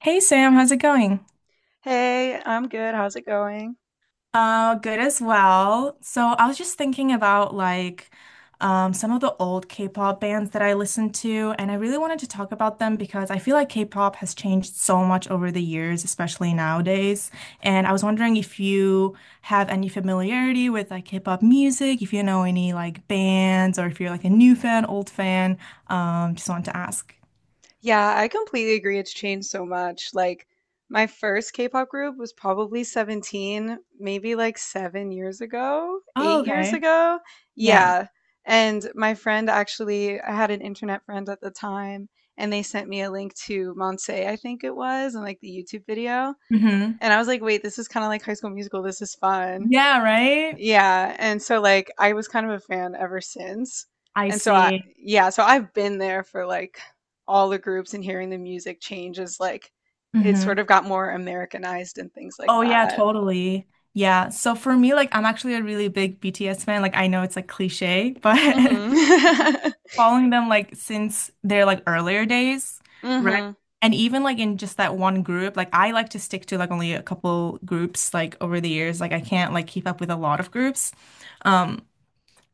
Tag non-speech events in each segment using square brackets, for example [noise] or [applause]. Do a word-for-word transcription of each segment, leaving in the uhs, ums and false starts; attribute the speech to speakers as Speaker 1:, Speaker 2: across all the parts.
Speaker 1: Hey Sam, how's it going?
Speaker 2: Hey, I'm good. How's it going?
Speaker 1: Uh, good as well. So I was just thinking about like um, some of the old K-pop bands that I listened to, and I really wanted to talk about them because I feel like K-pop has changed so much over the years, especially nowadays. And I was wondering if you have any familiarity with like K-pop music, if you know any like bands, or if you're like a new fan, old fan. Um, just wanted to ask.
Speaker 2: Yeah, I completely agree. It's changed so much. Like, my first K-pop group was probably seventeen, maybe like seven years ago,
Speaker 1: Oh,
Speaker 2: eight years
Speaker 1: okay.
Speaker 2: ago.
Speaker 1: Yeah.
Speaker 2: Yeah. And my friend actually, I had an internet friend at the time, and they sent me a link to Monse, I think it was, and like the YouTube video.
Speaker 1: Mm-hmm.
Speaker 2: And I was like, wait, this is kind of like High School Musical. This is fun.
Speaker 1: Yeah, right?
Speaker 2: Yeah, and so like I was kind of a fan ever since.
Speaker 1: I
Speaker 2: And so I
Speaker 1: see.
Speaker 2: yeah, so I've been there for like all the groups and hearing the music changes. Like it sort of got more Americanized and things like
Speaker 1: Oh yeah,
Speaker 2: that.
Speaker 1: totally. Yeah. So for me, like I'm actually a really big B T S fan. Like I know it's like cliche, but [laughs]
Speaker 2: Mhm.
Speaker 1: following them like since their like earlier days,
Speaker 2: [laughs]
Speaker 1: right?
Speaker 2: Mhm.
Speaker 1: And even like in just that one group, like I like to stick to like only a couple groups like over the years. Like I can't like keep up with a lot of groups. Um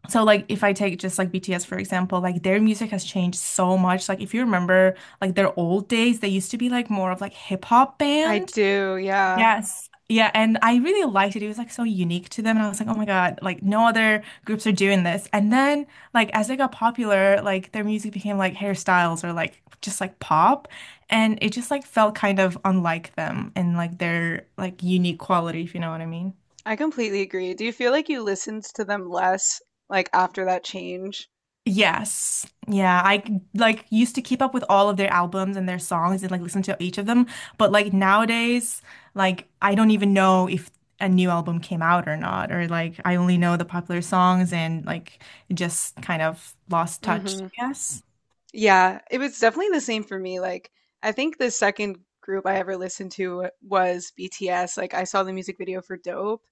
Speaker 1: so like if I take just like B T S for example, like their music has changed so much. Like if you remember like their old days, they used to be like more of like hip hop
Speaker 2: I
Speaker 1: band.
Speaker 2: do, yeah.
Speaker 1: Yes. Yeah. And I really liked it. It was like so unique to them. And I was like, oh my God, like no other groups are doing this. And then like as they got popular, like their music became like hairstyles or like just like pop. And it just like felt kind of unlike them and like their like unique quality, if you know what I mean.
Speaker 2: I completely agree. Do you feel like you listened to them less like after that change?
Speaker 1: Yes. Yeah, I like used to keep up with all of their albums and their songs and like listen to each of them, but like nowadays, like I don't even know if a new album came out or not, or like I only know the popular songs and like just kind of lost touch,
Speaker 2: Mhm.
Speaker 1: I guess.
Speaker 2: Yeah, it was definitely the same for me. Like, I think the second group I ever listened to was B T S. Like, I saw the music video for Dope,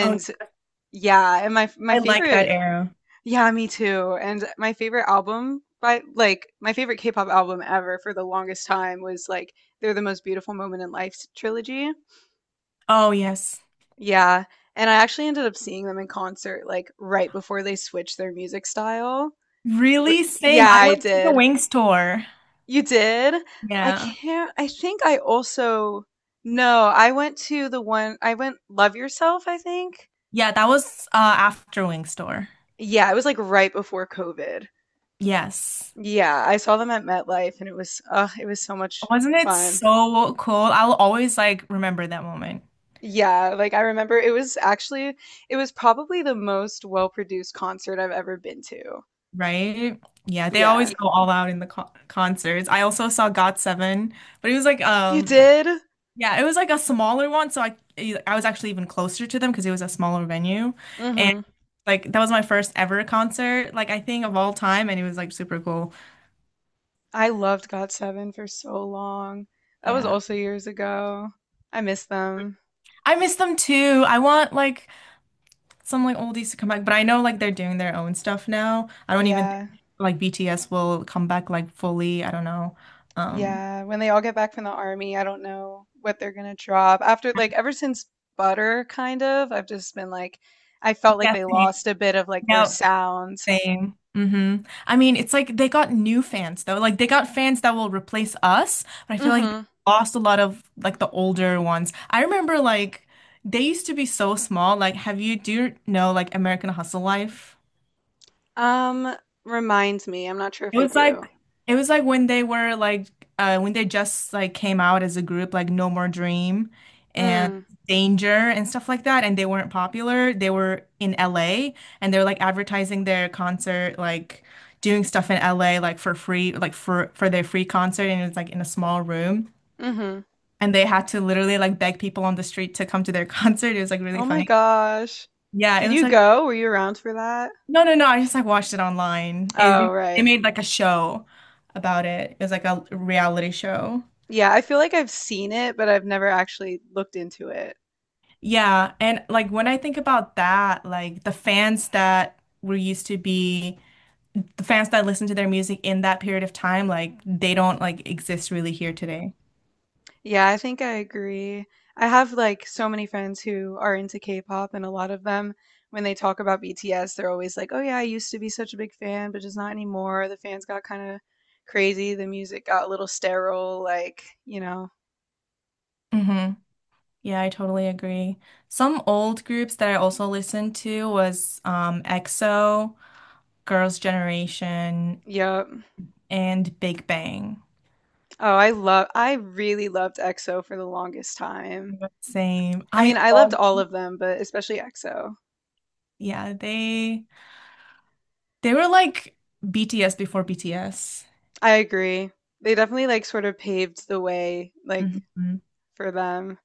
Speaker 1: Oh,
Speaker 2: yeah, and my my
Speaker 1: I like that
Speaker 2: favorite,
Speaker 1: era.
Speaker 2: yeah, me too. And my favorite album by like my favorite K-pop album ever for the longest time was like They're the Most Beautiful Moment in Life trilogy.
Speaker 1: Oh, yes.
Speaker 2: Yeah, and I actually ended up seeing them in concert like right before they switched their music style. Wh-
Speaker 1: Really? Same.
Speaker 2: Yeah,
Speaker 1: I
Speaker 2: I
Speaker 1: went to the
Speaker 2: did.
Speaker 1: Wings tour.
Speaker 2: You did? I
Speaker 1: Yeah.
Speaker 2: can't I think I also No, I went to the one I went Love Yourself, I think?
Speaker 1: Yeah, that was uh after Wings tour.
Speaker 2: Yeah, it was, like, right before COVID.
Speaker 1: Yes.
Speaker 2: Yeah, I saw them at MetLife, and it was ugh, it was so much
Speaker 1: Wasn't it
Speaker 2: fun.
Speaker 1: so cool? I'll always like remember that moment,
Speaker 2: Yeah, like, I remember it was actually it was probably the most well-produced concert I've ever been to.
Speaker 1: right? Yeah, they always
Speaker 2: Yeah.
Speaker 1: go all out in the co concerts. I also saw got seven, but it was like
Speaker 2: You
Speaker 1: um like-
Speaker 2: did?
Speaker 1: yeah, it was like a smaller one, so I I was actually even closer to them because it was a smaller venue. And
Speaker 2: Mhm.
Speaker 1: like that was my first ever concert, like I think of all time, and it was like super cool.
Speaker 2: I loved got seven for so long. That was
Speaker 1: Yeah.
Speaker 2: also years ago. I miss them.
Speaker 1: I miss them too. I want like some like oldies to come back, but I know like they're doing their own stuff now. I don't even
Speaker 2: Yeah.
Speaker 1: think like B T S will come back like fully. I don't know. Um,
Speaker 2: Yeah, when they all get back from the army, I don't know what they're gonna drop. After like ever since Butter, kind of, I've just been like, I felt like
Speaker 1: yeah,
Speaker 2: they
Speaker 1: same.
Speaker 2: lost a bit of like their
Speaker 1: Yep,
Speaker 2: sound.
Speaker 1: same. hmm I mean, it's like they got new fans though. Like they got fans that will replace us, but I feel like they
Speaker 2: Hmm.
Speaker 1: lost a lot of like the older ones. I remember like they used to be so small. Like, have you do you know like American Hustle Life?
Speaker 2: Um, Reminds me, I'm not sure if
Speaker 1: It
Speaker 2: I
Speaker 1: was
Speaker 2: do.
Speaker 1: like it was like when they were like uh when they just like came out as a group like No More Dream and
Speaker 2: Mm.
Speaker 1: Danger and stuff like that and they weren't popular. They were in L A and they were like advertising their concert like doing stuff in L A like for free like for for their free concert and it was like in a small room
Speaker 2: Mm-hmm.
Speaker 1: and they had to literally like beg people on the street to come to their [laughs] concert. It was like really
Speaker 2: Oh my
Speaker 1: funny.
Speaker 2: gosh.
Speaker 1: Yeah, it
Speaker 2: Did
Speaker 1: was
Speaker 2: you
Speaker 1: like
Speaker 2: go? Were you around for that?
Speaker 1: No, no, no. I just like watched it online.
Speaker 2: Oh,
Speaker 1: It, they
Speaker 2: right.
Speaker 1: made like a show about it. It was like a reality show.
Speaker 2: Yeah, I feel like I've seen it, but I've never actually looked into it.
Speaker 1: Yeah, and like when I think about that, like the fans that were used to be the fans that listen to their music in that period of time, like they don't like exist really here today.
Speaker 2: Yeah, I think I agree. I have like so many friends who are into K-pop, and a lot of them, when they talk about B T S, they're always like, "Oh yeah, I used to be such a big fan, but just not anymore. The fans got kind of crazy. The music got a little sterile, like, you know."
Speaker 1: hmm Yeah, I totally agree. Some old groups that I also listened to was um, EXO, Girls' Generation,
Speaker 2: Yep.
Speaker 1: and Big Bang.
Speaker 2: Oh, I love I really loved EXO for the longest time.
Speaker 1: Same.
Speaker 2: I
Speaker 1: I
Speaker 2: mean, I loved
Speaker 1: all
Speaker 2: all of them, but especially EXO.
Speaker 1: Yeah, they they were like B T S before B T S.
Speaker 2: I agree. They definitely like sort of paved the way like
Speaker 1: Mhm.
Speaker 2: for them.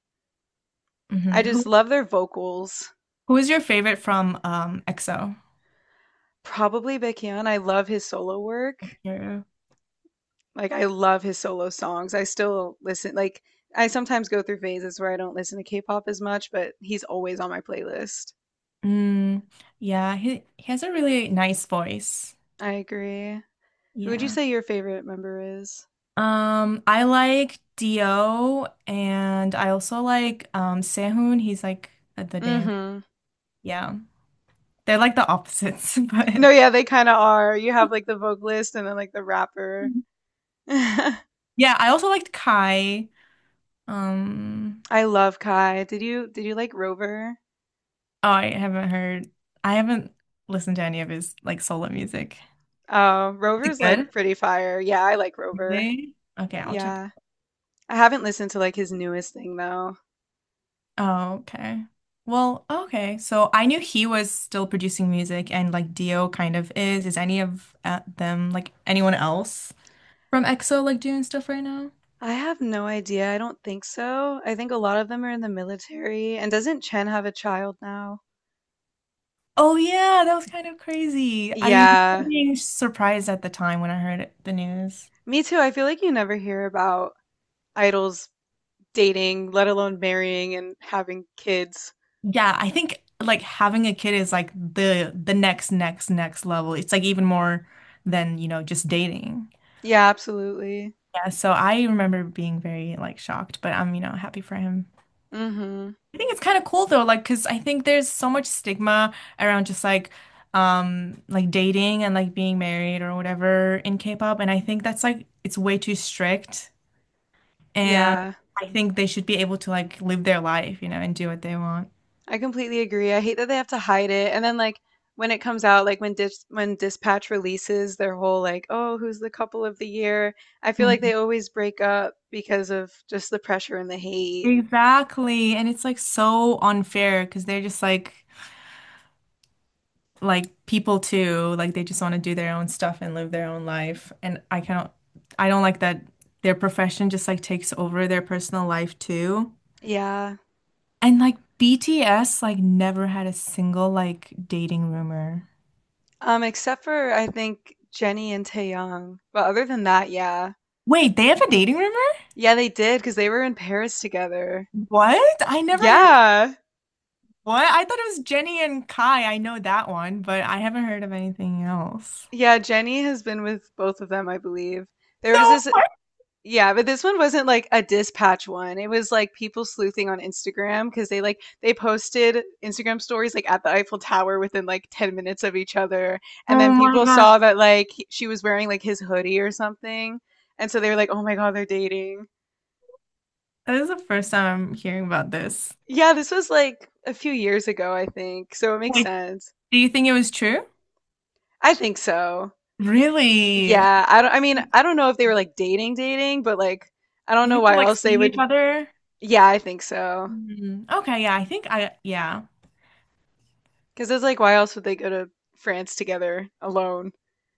Speaker 2: I
Speaker 1: Mhm.
Speaker 2: just
Speaker 1: Who
Speaker 2: love their vocals.
Speaker 1: who is your favorite from um EXO?
Speaker 2: Probably Baekhyun, I love his solo work.
Speaker 1: Yeah.
Speaker 2: Like, I love his solo songs. I still listen like, I sometimes go through phases where I don't listen to K-pop as much, but he's always on my playlist.
Speaker 1: Mm, yeah, he he has a really nice voice.
Speaker 2: I agree. Who would you
Speaker 1: Yeah.
Speaker 2: say your favorite member is?
Speaker 1: Um, I like Dio and I also like um Sehun. He's like at the dance.
Speaker 2: Mhm.
Speaker 1: Yeah. They're like the opposites, [laughs]
Speaker 2: No,
Speaker 1: but
Speaker 2: yeah, they kinda are. You have, like, the vocalist and then, like, the rapper. [laughs]
Speaker 1: yeah, I also liked Kai. Um,
Speaker 2: I love Kai. Did you did you like Rover?
Speaker 1: oh, I haven't heard I haven't listened to any of his like solo music.
Speaker 2: Oh,
Speaker 1: Is it
Speaker 2: Rover's, like,
Speaker 1: good?
Speaker 2: pretty fire. Yeah, I like Rover.
Speaker 1: Really? Okay, I'll check.
Speaker 2: Yeah. I haven't listened to, like, his newest thing, though.
Speaker 1: Oh, okay. Well, okay. So I knew he was still producing music and like Dio kind of is. Is any of uh, them like anyone else from EXO like doing stuff right now?
Speaker 2: I have no idea. I don't think so. I think a lot of them are in the military. And doesn't Chen have a child now?
Speaker 1: Oh yeah, that was kind of crazy. I'm
Speaker 2: Yeah,
Speaker 1: being surprised at the time when I heard the news.
Speaker 2: me too. I feel like you never hear about idols dating, let alone marrying and having kids.
Speaker 1: Yeah, I think like having a kid is like the the next next next level. It's like even more than, you know, just dating.
Speaker 2: Yeah, absolutely.
Speaker 1: Yeah, so I remember being very like shocked, but I'm, you know, happy for him.
Speaker 2: Hmm.
Speaker 1: I think it's kind of cool though, like because I think there's so much stigma around just like um like dating and like being married or whatever in K-pop, and I think that's like it's way too strict. And
Speaker 2: Yeah,
Speaker 1: I think they should be able to like live their life, you know, and do what they want.
Speaker 2: I completely agree. I hate that they have to hide it. And then like when it comes out, like when Dis when Dispatch releases their whole like, oh, who's the couple of the year? I feel like they
Speaker 1: Mhm.
Speaker 2: always break up because of just the pressure and the hate.
Speaker 1: Exactly. And it's like so unfair because they're just like like people too. Like they just want to do their own stuff and live their own life. And I cannot I don't like that their profession just like takes over their personal life too.
Speaker 2: Yeah.
Speaker 1: And like B T S like never had a single like dating rumor.
Speaker 2: Um, except for I think Jenny and Taeyang. But other than that, yeah.
Speaker 1: Wait, they have a dating rumor?
Speaker 2: Yeah, they did because they were in Paris together.
Speaker 1: What? I never heard.
Speaker 2: Yeah.
Speaker 1: What? I thought it was Jenny and Kai. I know that one, but I haven't heard of anything else.
Speaker 2: Yeah, Jenny has been with both of them, I believe. There was
Speaker 1: No.
Speaker 2: this, yeah, but this one wasn't like a dispatch one. It was like people sleuthing on Instagram because they like they posted Instagram stories like at the Eiffel Tower within like ten minutes of each other. And
Speaker 1: Oh
Speaker 2: then
Speaker 1: my
Speaker 2: people
Speaker 1: God.
Speaker 2: saw that like he- she was wearing like his hoodie or something. And so they were like, "Oh my God, they're dating."
Speaker 1: This is the first time I'm hearing about this.
Speaker 2: Yeah, this was like a few years ago, I think. So it makes
Speaker 1: Wait,
Speaker 2: sense.
Speaker 1: do you think it was true?
Speaker 2: I think so.
Speaker 1: Really?
Speaker 2: Yeah, I don't, I mean, I don't know if they were like dating dating, but like I don't know
Speaker 1: Maybe they're
Speaker 2: why
Speaker 1: like
Speaker 2: else they
Speaker 1: seeing each
Speaker 2: would.
Speaker 1: other.
Speaker 2: Yeah, I think so.
Speaker 1: Hmm. Okay, yeah, I think I, yeah,
Speaker 2: 'Cause it's like why else would they go to France together alone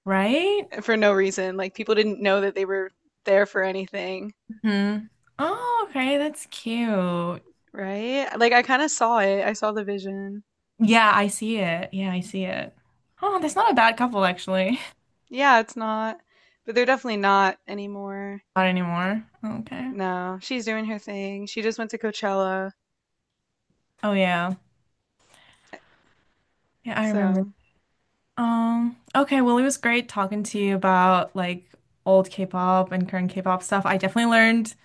Speaker 1: right?
Speaker 2: eh, for no reason? Like people didn't know that they were there for anything,
Speaker 1: hmm Oh, okay, that's cute.
Speaker 2: right? Like I kind of saw it. I saw the vision.
Speaker 1: Yeah, I see it. Yeah, I see it. Oh, that's not a bad couple, actually.
Speaker 2: Yeah, it's not, but they're definitely not anymore.
Speaker 1: [laughs] Not anymore. Okay.
Speaker 2: No, she's doing her thing. She just went to Coachella,
Speaker 1: Oh, yeah. Yeah, I remember.
Speaker 2: so.
Speaker 1: Um, okay, well, it was great talking to you about like old K-pop and current K-pop stuff. I definitely learned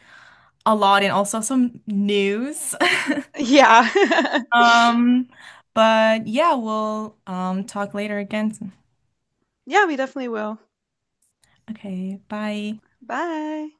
Speaker 1: a lot and also some news. [laughs]
Speaker 2: Yeah. [laughs]
Speaker 1: Um, but yeah, we'll um talk later again.
Speaker 2: Yeah, we definitely will.
Speaker 1: Okay, bye.
Speaker 2: Bye.